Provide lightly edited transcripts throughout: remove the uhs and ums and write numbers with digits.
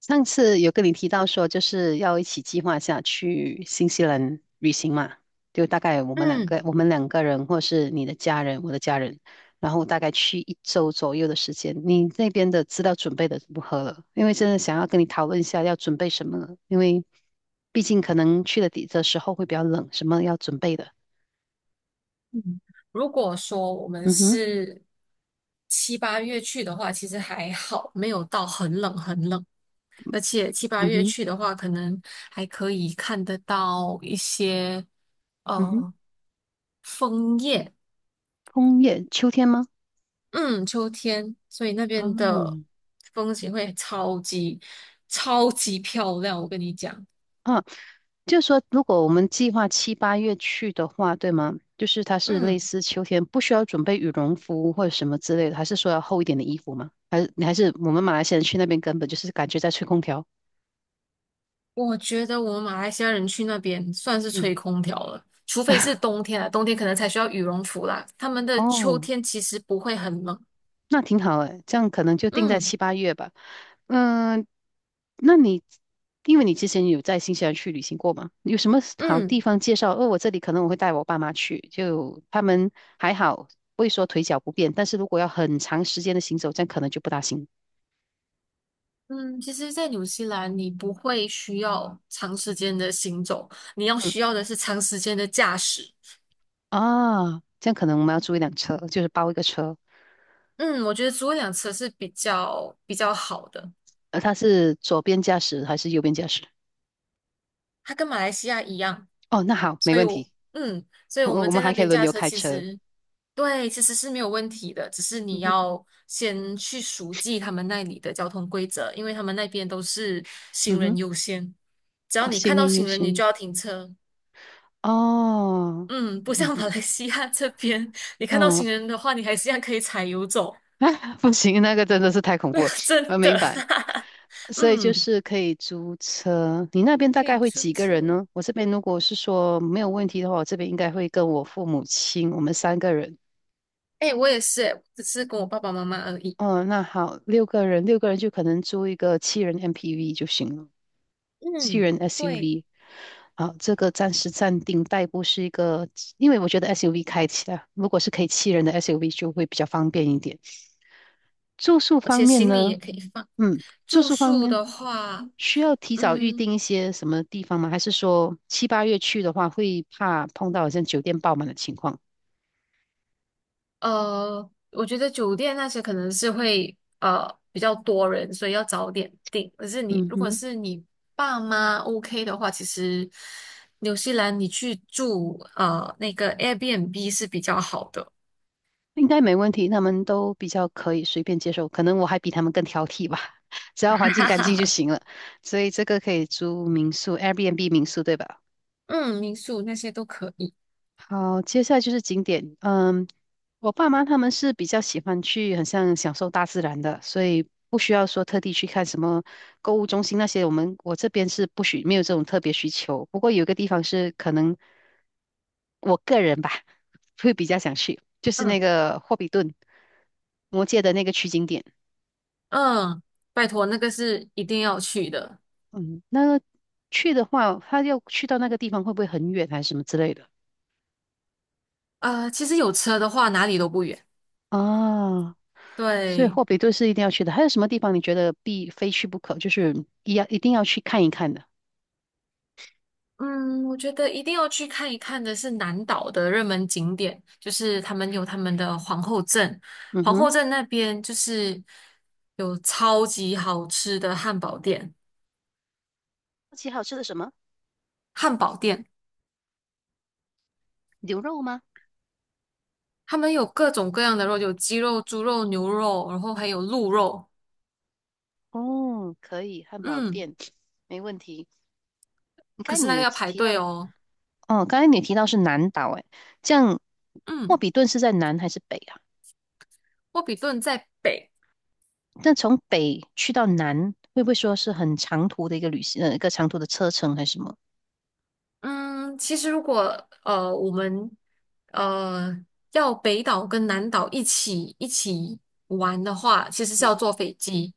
上次有跟你提到说，就是要一起计划一下去新西兰旅行嘛，就大概我们两嗯个，我们两个人，或是你的家人，我的家人，然后大概去一周左右的时间。你那边的资料准备的如何了？因为真的想要跟你讨论一下要准备什么了，因为毕竟可能去的底的时候会比较冷，什么要准备的。嗯，如果说我们嗯哼。是七八月去的话，其实还好，没有到很冷很冷。而且七八嗯月哼。去的话，可能还可以看得到一些嗯哼。呃枫叶，枫叶，秋天吗？嗯，秋天，所以那边的哦。风景会超级超级漂亮，我跟你讲，啊就是说，如果我们计划七八月去的话，对吗？就是它是类嗯。似秋天，不需要准备羽绒服或者什么之类的，还是说要厚一点的衣服吗？还是你还是我们马来西亚人去那边根本就是感觉在吹空调？我觉得我们马来西亚人去那边算是嗯。吹空调了，除非是冬天啊，冬天可能才需要羽绒服啦。他们的秋哦，天其实不会很冷。那挺好诶，这样可能就定在嗯七八月吧。嗯，那你因为你之前有在新西兰去旅行过吗？有什么好地嗯方介绍？哦，我这里可能我会带我爸妈去，就他们还好，不会说腿脚不便，但是如果要很长时间的行走，这样可能就不大行。嗯，其实，在纽西兰你不会需要长时间的行走，你要嗯。需要的是长时间的驾驶。啊，这样可能我们要租一辆车，就是包一个车，嗯，我觉得租一辆车是比较好的，他是左边驾驶还是右边驾驶？它跟马来西亚一样。哦，那好，没所以问我，题，所以我我们我们在那还可以边轮驾流车开其车。实，对，其实是没有问题的，只是嗯你哼。要先去熟记他们那里的交通规则，因为他们那边都是行嗯人哼。优先，只要哦，你看行到人优行人，你先。就要停车。哦。嗯，不像 马嗯来西亚这边，你看到嗯。行人的话，你还是一样可以踩油走，不行，那个真的是太恐怖了，真我明的，白。所以就嗯，是可以租车，你那边大可以概会租几个人车。呢？我这边如果是说没有问题的话，我这边应该会跟我父母亲，我们三个人。哎，我也是诶，只是跟我爸爸妈妈而已。哦，那好，六个人，六个人就可能租一个七人 MPV 就行了，七嗯，人 对，SUV。好，这个暂时暂定代步是一个，因为我觉得 SUV 开起来，如果是可以七人的 SUV 就会比较方便一点。住宿而方且面行李也呢？可以放。嗯，住住宿方宿面的话，需要提早预嗯，定一些什么地方吗？还是说七八月去的话，会怕碰到好像酒店爆满的情况？我觉得酒店那些可能是会比较多人，所以要早点订。可是你嗯如果哼。是你爸妈 OK 的话，其实纽西兰你去住那个 Airbnb 是比较好的，应该没问题，他们都比较可以随便接受，可能我还比他们更挑剔吧，只要环境干净就 行了。所以这个可以租民宿，Airbnb 民宿，对吧？嗯，民宿那些都可以。好，接下来就是景点。嗯，我爸妈他们是比较喜欢去，很像享受大自然的，所以不需要说特地去看什么购物中心那些。我们我这边是不许，没有这种特别需求。不过有一个地方是可能我个人吧，会比较想去，就是嗯那个霍比顿魔界的那个取景点。嗯，拜托，那个是一定要去的。嗯，那去的话，他要去到那个地方会不会很远还是什么之类的？其实有车的话哪里都不远。啊？所以对。霍比顿是一定要去的。还有什么地方你觉得必非去不可，就是一要一定要去看一看的？嗯，我觉得一定要去看一看的是南岛的热门景点，就是他们有他们的皇后镇，嗯皇哼。后镇那边就是有超级好吃的汉堡店，好奇好吃的什么？汉堡店牛肉吗？他们有各种各样的肉，有鸡肉、猪肉、牛肉，然后还有鹿肉，哦，可以，汉堡嗯，店没问题。你可看是你那个有要排提队到，哦，哦，刚才你提到是南岛，哎，这样霍嗯，比顿是在南还是北啊？沃比顿在北。那从北去到南，会不会说是很长途的一个旅行，一个长途的车程还是什么？嗯，其实如果我们呃要北岛跟南岛一起玩的话，其实是要坐飞机。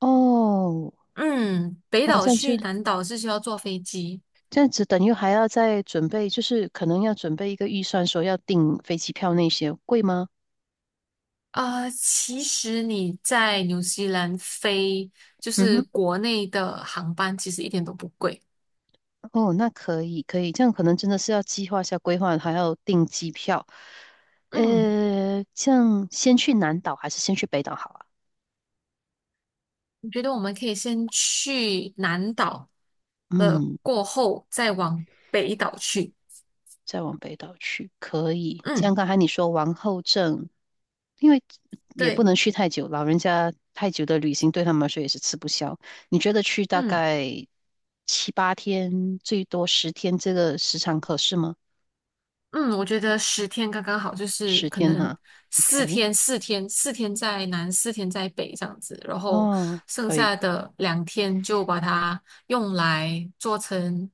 哦。嗯，北哇，岛这样就。去南岛是需要坐飞机。这样子等于还要再准备，就是可能要准备一个预算，说要订飞机票那些，贵吗？其实你在纽西兰飞就嗯是哼。国内的航班，其实一点都不贵。哦，那可以可以，这样可能真的是要计划一下规划，还要订机票。嗯，这样先去南岛还是先去北岛好啊？我觉得我们可以先去南岛了，嗯，过后再往北岛去？再往北岛去可以。嗯，像刚才你说王后镇，因为也不对，能去太久，老人家太久的旅行对他们来说也是吃不消。你觉得去大嗯。概七八天，最多十天，这个时长合适吗？嗯，我觉得10天刚刚好，就是十可天能哈四，OK，天、四天、四天在南，四天在北这样子，然后哦，剩可以，下的2天就把它用来做成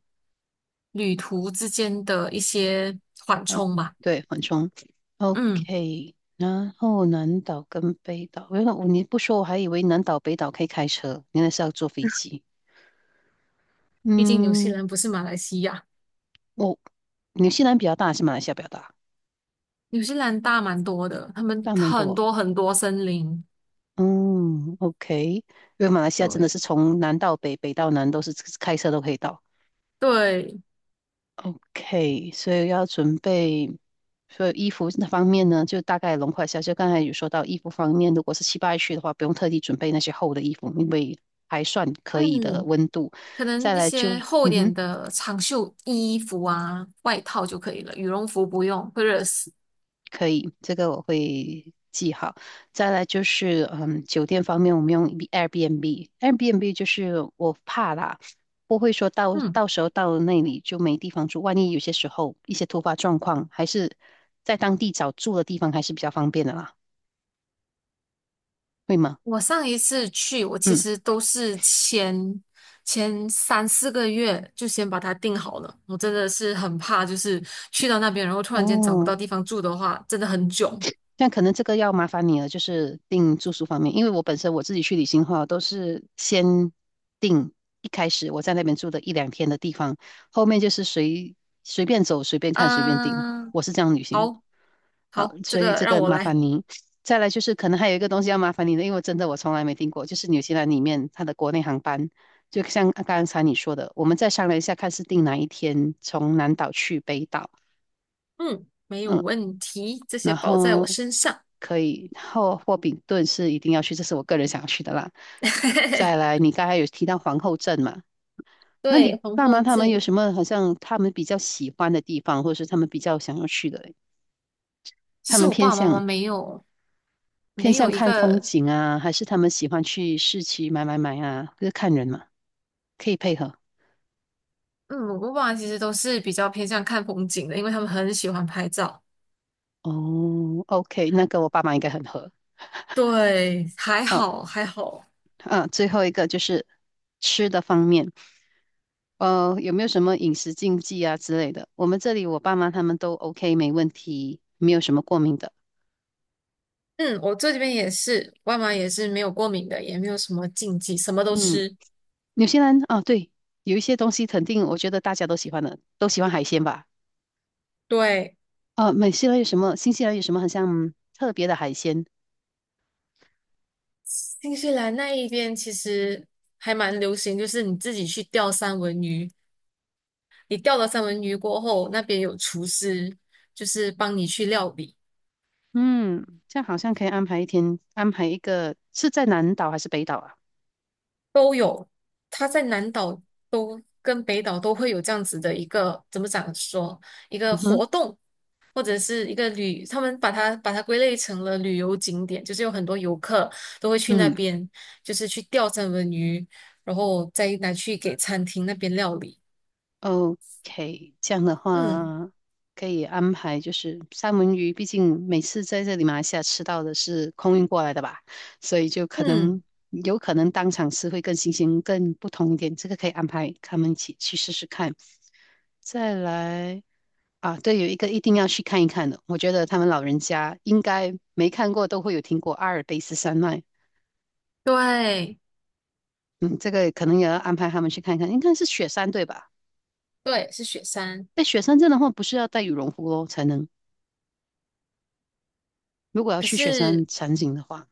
旅途之间的一些缓哦，冲吧。对，缓冲嗯，，OK。然后南岛跟北岛，原来我你不说，我还以为南岛北岛可以开车，原来是要坐飞机。毕竟纽西嗯。兰不是马来西亚，我、纽西兰比较大，还是马来西亚比较大？纽西兰大蛮多的，他们大蛮很多。多很多森林。嗯，OK，因为马来西亚真的对是从南到北，北到南都是开车都可以到。对，OK，所以要准备，所以衣服那方面呢，就大概笼括一下。就刚才有说到衣服方面，如果是七八月去的话，不用特地准备那些厚的衣服，因为还算可以的嗯。温度。可能再那来就，些厚一嗯点哼。的长袖衣服啊、外套就可以了，羽绒服不用，会热死。可以，这个我会记好。再来就是，嗯，酒店方面，我们用 Airbnb，Airbnb 就是我怕啦，不会说到嗯，到时候到了那里就没地方住，万一有些时候一些突发状况，还是在当地找住的地方还是比较方便的啦，会吗？我上一次去，我其嗯。实都是前3、4个月就先把它定好了。我真的是很怕，就是去到那边，然后突然间找不哦，到地方住的话，真的很囧。但可能这个要麻烦你了，就是订住宿方面，因为我本身我自己去旅行的话，都是先订一开始我在那边住的一两天的地方，后面就是随便走、随便看、随便订，嗯，我是这样旅行的。好好，好，这所以个这让个我麻来。烦您。再来就是可能还有一个东西要麻烦你的，因为真的我从来没订过，就是纽西兰里面它的国内航班，就像刚才你说的，我们再商量一下看是订哪一天从南岛去北岛。嗯，没有嗯，问题，这些然包在我后身上。可以后霍比顿是一定要去，这是我个人想要去的啦。再 来，你刚才有提到皇后镇嘛？那对，你皇爸后妈他们有镇。什么好像他们比较喜欢的地方，或者是他们比较想要去的？其他实们我偏爸爸妈妈向没有，偏没有向一看风个，景啊，还是他们喜欢去市区买买买啊？就是看人嘛，可以配合。嗯，我爸妈其实都是比较偏向看风景的，因为他们很喜欢拍照。哦，OK，那跟我爸妈应该很合。对，还哦，好还好。啊，最后一个就是吃的方面。有没有什么饮食禁忌啊之类的？我们这里我爸妈他们都 OK，没问题，没有什么过敏的。嗯，我这边也是，外妈也是没有过敏的，也没有什么禁忌，什么都嗯，吃。纽西兰啊，对，有一些东西肯定我觉得大家都喜欢的，都喜欢海鲜吧？对，啊，美西兰有什么？新西兰有什么很像特别的海鲜？新西兰那一边其实还蛮流行，就是你自己去钓三文鱼，你钓了三文鱼过后，那边有厨师，就是帮你去料理。嗯，这样好像可以安排一天，安排一个是在南岛还是北岛啊？都有，它在南岛都跟北岛都会有这样子的一个怎么讲说一个嗯活哼。动，或者是一个旅，他们把它归类成了旅游景点，就是有很多游客都会去那嗯，边，就是去钓三文鱼，然后再拿去给餐厅那边料理。OK，这样的嗯话可以安排，就是三文鱼，毕竟每次在这里马来西亚吃到的是空运过来的吧，所以就可能嗯，有可能当场吃会更新鲜、更不同一点，这个可以安排他们一起去试试看。再来啊，对，有一个一定要去看一看的，我觉得他们老人家应该没看过都会有听过阿尔卑斯山脉，对，嗯，这个可能也要安排他们去看一看，应该是雪山对吧？对，是雪山。哎，雪山镇的话不是要带羽绒服哦才能。如果要可去雪是山场景的话，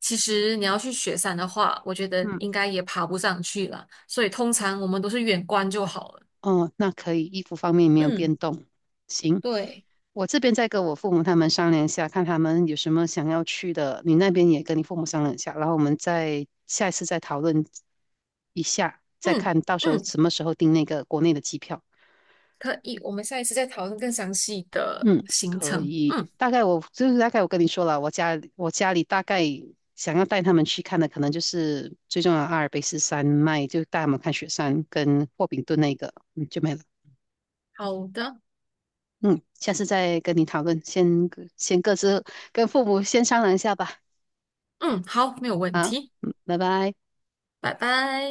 其实你要去雪山的话，我觉得嗯，应该也爬不上去了，所以通常我们都是远观就好了。哦，那可以，衣服方面没有嗯。变动。行，对，我这边再跟我父母他们商量一下，看他们有什么想要去的。你那边也跟你父母商量一下，然后我们再下一次再讨论一下，再嗯看到时候嗯，什么时候订那个国内的机票。可以，我们下一次再讨论更详细的嗯，行可程。以。嗯，大概我就是大概我跟你说了，我家里大概想要带他们去看的，可能就是最重要的阿尔卑斯山脉，就带他们看雪山跟霍比顿那个，嗯，就没了。好的，嗯，下次再跟你讨论，先各自跟父母先商量一下吧。嗯，好，没有问好，题，嗯，拜拜。拜拜。